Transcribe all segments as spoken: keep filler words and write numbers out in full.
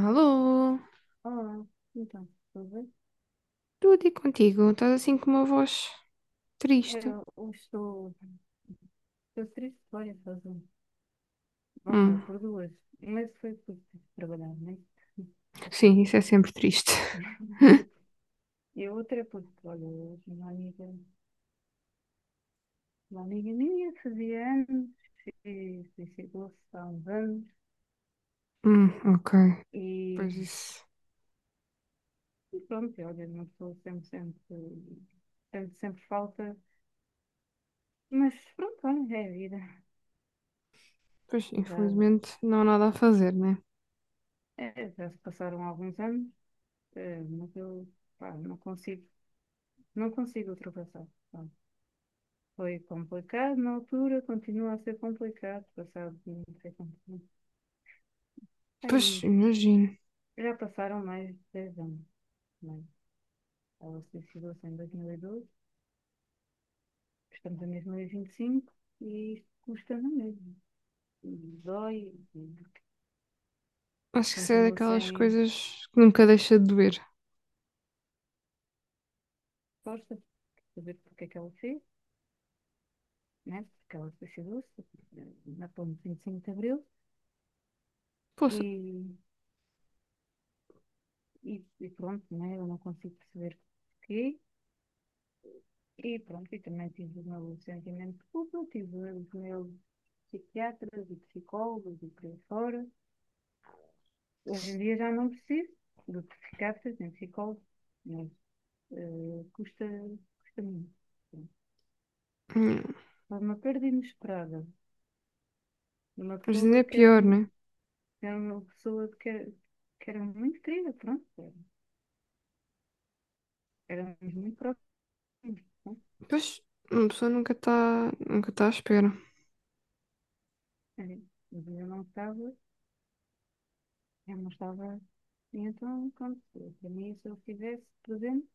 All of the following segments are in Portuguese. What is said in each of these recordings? Alô, Olá, então, tudo bem? tudo e contigo? Estás assim com uma voz triste? Eu, eu estou, estou triste por várias razões, ou melhor, Hum, por duas, mas foi por ter trabalhado, né? Já sabe. sim, isso é sempre triste. E a outra é porque, olha, hoje uma amiga, uma amiga minha fazia anos e suicidou-se há uns anos Hum, ok. Pois e, isso. e pronto, olha, uma pessoa sempre, sempre, sempre, sempre falta, mas pronto, olha, é a vida. Pois, Já, infelizmente, não há nada a fazer, né? é, já se passaram alguns anos, eh, mas eu, pá, não consigo. Não consigo ultrapassar. Pronto. Foi complicado na altura, continua a ser complicado. Passado, não sei quanto tempo. Aí Pois, uns. imagino. Já passaram mais de dez anos. Né? Ela se suicidou-se em dois mil e doze, estamos em dois mil e vinte e cinco e vinte e cinco e isto custa na mesma. Dói, e Acho que isso é continuo daquelas sem coisas que nunca deixa de doer. força de saber porque é que ela fez, né? Porque ela se suicidou-se eh, na ponte de vinte e cinco de Abril Poxa, e, e, e pronto, né? Eu não consigo perceber porquê. E pronto, e também tive o meu sentimento de culpa, tive os meus psiquiatras e psicólogos e por aí fora. Hoje em dia já não preciso de psiquiatras nem psicólogos, mas eh, custa, custa muito. Sim. hum, Foi uma perda inesperada de uma mas ainda pessoa é que era, pior, né? era uma pessoa que era, que era muito querida, pronto, era- éramos muito próximos, pronto. Pois, uma pessoa nunca está nunca tá à espera. Eh, Mas eu não estava, eu não estava, e então, pronto, para mim, se eu estivesse presente,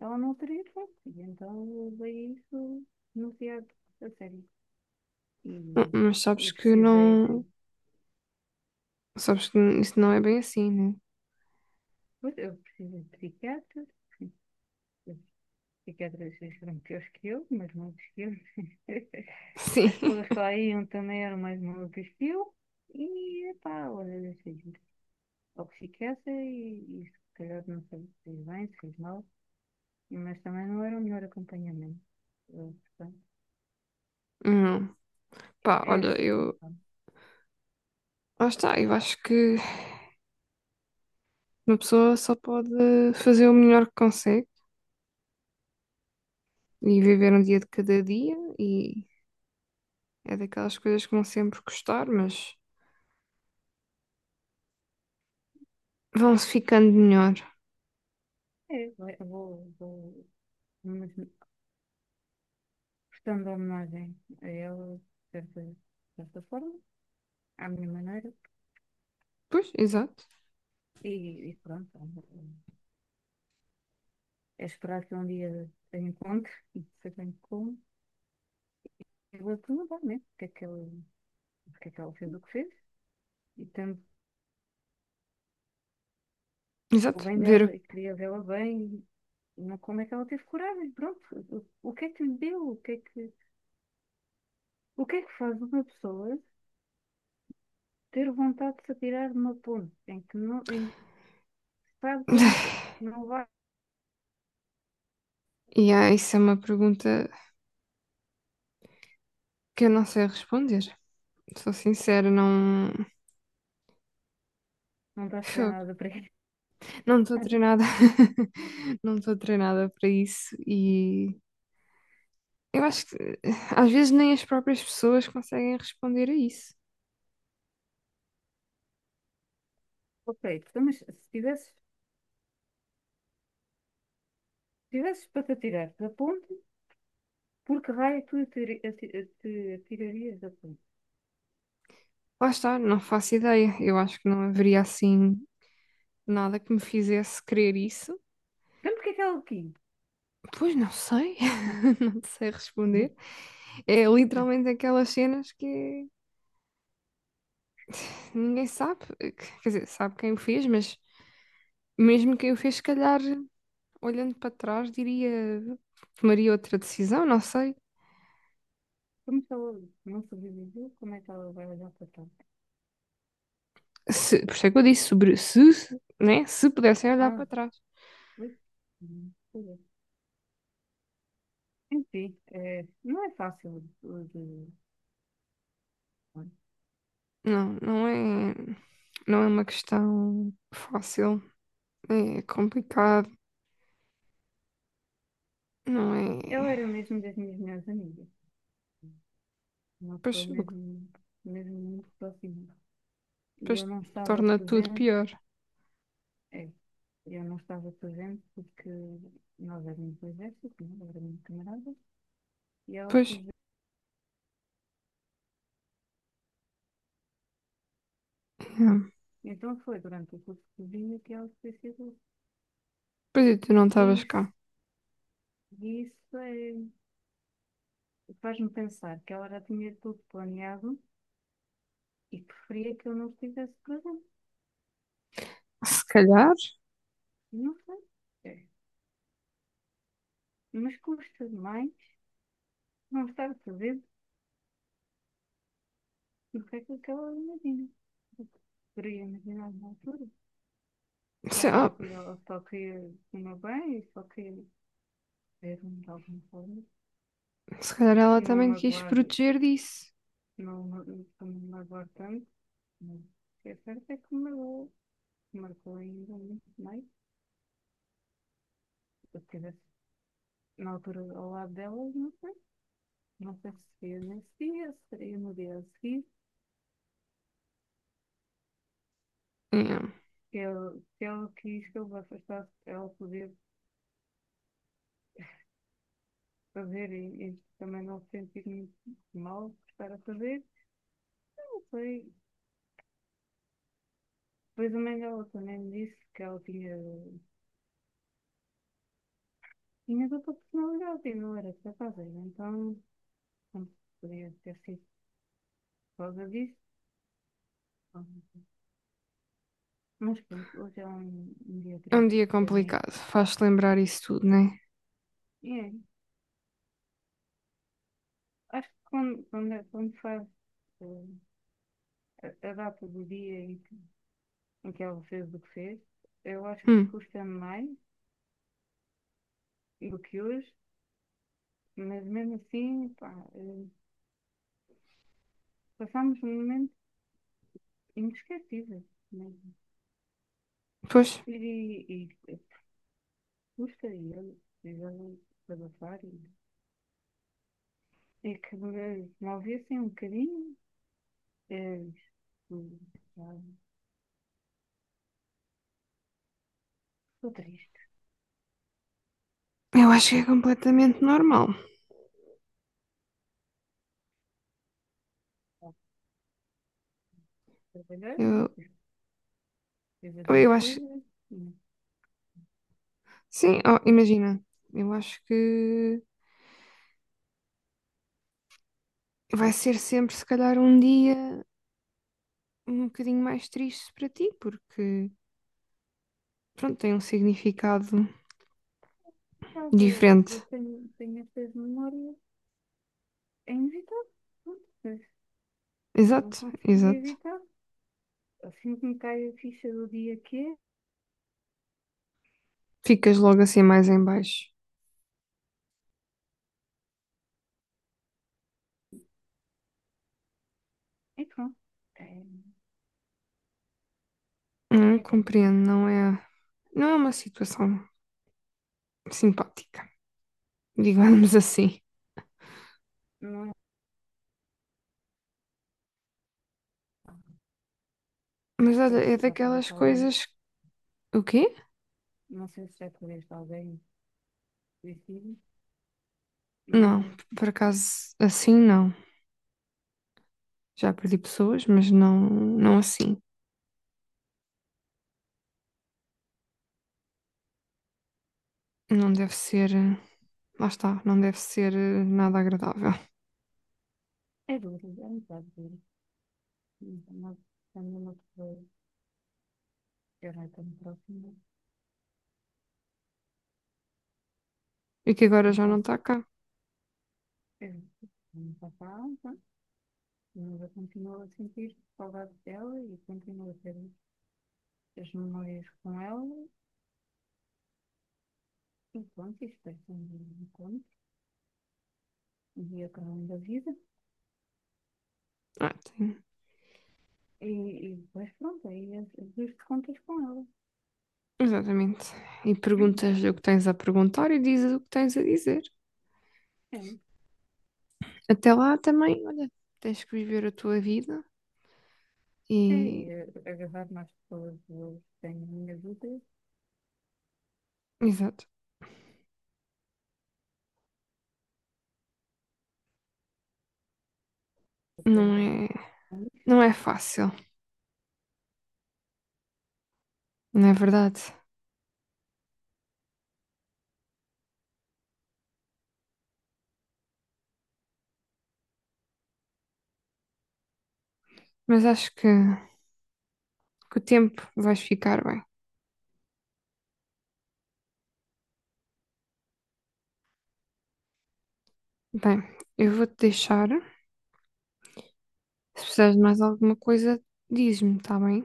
ela não teria hipótese, então eu levei isso demasiado a sério. Hum, E Mas sabes eu que precisei de. não. Sabes que isso não é bem assim, né? Eu precisei de psiquiatras, os psiquiatras foram piores que eu, mas não que eu. Sim. As pessoas que lá iam também eram mais malucas que eu, e pá, olha, deixei de ir ao psiquiatra e, e se calhar não sei se fez bem, se fez mal, mas também não era o melhor acompanhamento. Eu, portanto, Hum, pá, é olha, assim, eu. pronto. Lá está, eu acho que. Uma pessoa só pode fazer o melhor que consegue e viver um dia de cada dia e é daquelas coisas que vão sempre custar, mas vão-se ficando melhor. É, vai- vou, vou, mas portanto, homenagem a ele, certa, de certa forma, à minha maneira, Pois, exato. e, e pronto, é esperar que um dia a encontre, e sei bem como, e vou perguntar mesmo o que é que ela, o que é que ela fez o que fez, e tanto o Exato. bem dela, Ver. e queria vê-la bem, e não como é que ela teve coragem, pronto, o, o que é que lhe deu, o que é que, o que é que faz uma pessoa ter vontade de se atirar de uma ponte, em que não, em que sabe que não, sou- não vai, E ah, isso é uma pergunta que eu não sei responder. Sou sincera, não. não estás Fogo. treinada para isso. Não estou treinada. Não estou treinada para isso e eu acho que eh, às vezes nem as próprias pessoas conseguem responder a isso. Ok, então, mas se tivesses Tivesses para te atirar da ponte, por que raio tu atiri- ati- te atirarias da ponte? Lá está, não faço ideia. Eu acho que não haveria assim nada que me fizesse querer isso. Então, porque é que ela aqui? Pois não sei, não sei responder. É literalmente aquelas cenas que ninguém sabe, quer dizer, sabe quem o fez, mas mesmo quem o fez, se calhar, olhando para trás, diria, tomaria outra decisão, não sei. Como se ela não sobreviveu, como é que ela vai olhar para trás? Se, por isso é que eu disse sobre se, se, né? Se pudessem olhar Ah, para trás. ui. Hum, pois é. Enfim, eh, não é fácil de... de- olha, Não, não é, não é uma questão fácil, é complicado, não ela é. era mesmo das minhas melhores amigas, uma Pois, pessoa o que mesmo, mesmo muito próxima. E Depois eu não estava torna tudo presente, pior. é, eu não estava presente porque nós éramos do exército, não é? Éramos camaradas, e ela Pois, fugiu. yeah. Então foi durante o curso de cozinha que ela se suicidou. Pois e tu não E estavas cá. isso, e isso é- faz-me pensar que ela já tinha tudo planeado e preferia que eu não estivesse presente. Se calhar, Não sei. É. Mas custa demais não estar presente do que aquilo que ela imagina. Eu poderia imaginar na altura. se, Já na ah, altura ela só queria o meu bem e só queria ver-me de alguma forma. se calhar ela Não me também te quis aguardo, proteger disso. não me, não me aguardo tanto. Mas o que é certo é que me magoou. Marcou ainda, não sei. Se eu estivesse na altura ao lado delas, não sei. Não sei se seria nesse dia, se seria no dia a seguir. Yeah. Se ele, se ele quis que eu me afastasse, ela podia fazer e, e também não sentir-me mal por estar a fazer. Eu não sei. Depois a mãe dela também me disse que ela tinha, tinha, outra personalidade e não era capaz. Então, pronto, podia ter sido por causa disso. Mas pronto, hoje é um, um dia É um triste dia para mim. complicado, faz-te lembrar isso tudo, não é? E é Acho que quando, quando, é- quando faz eh, a, a data do dia em que, em que ela fez o que fez, eu acho que Hum. custa mais do que hoje, mas mesmo assim, pá, eh, passamos um momento inesquecível, né? Pois, E, e, e custa e ele, e ele desabafar e, e que me, me ouvissem um bocadinho, eh, isto, pá, estou triste, eu acho que é completamente normal. trabalhar, né? Eu, Fiz as eu minhas acho, coisas, mas, sim, oh, imagina, eu acho que vai ser sempre, se calhar, um dia um bocadinho mais triste para ti, porque, pronto, tem um significado pá, eu, eu diferente. tenho, tenho estas memórias. É inevitável, pronto, mas eu não Exato, consigo exato. evitar. Assim que me cai a ficha do dia que é, Ficas logo assim mais em baixo. e pronto. É, Hum, é crime. compreendo, não é, não é uma situação simpática, digamos assim. Não é? Não Mas olha, sei é se já perdeste daquelas alguém. coisas. O quê? Não sei se já perdeste alguém suicídio. Não, Mas por acaso assim não. Já perdi pessoas, mas não, não assim. Não deve ser. eh, Lá está, não deve ser eh, nada agradável. é duro, é um bocado duro. Então, quando uma pessoa já não é tão próxima, E que agora não já não consigo. está cá. Eu não faço a alma, mas eu continuo a sentir saudade dela e continuo a ter as memórias com ela. E pronto, isto é sempre um encontro. Via para além da vida Ah, tem. e, e depois pronto, aí as as contas com ela. Exatamente. E perguntas-lhe o que tens a perguntar e dizes o que tens a dizer. É, Até lá também, olha, tens que viver a tua vida. é, E, é agarrar mais pessoas que eu tenho na minha vida, exato, não aprendo é, a não é fácil, não é verdade? Mas acho que com o tempo vais ficar bem. Bem, eu vou-te deixar. Se precisares de mais alguma coisa, diz-me, está bem?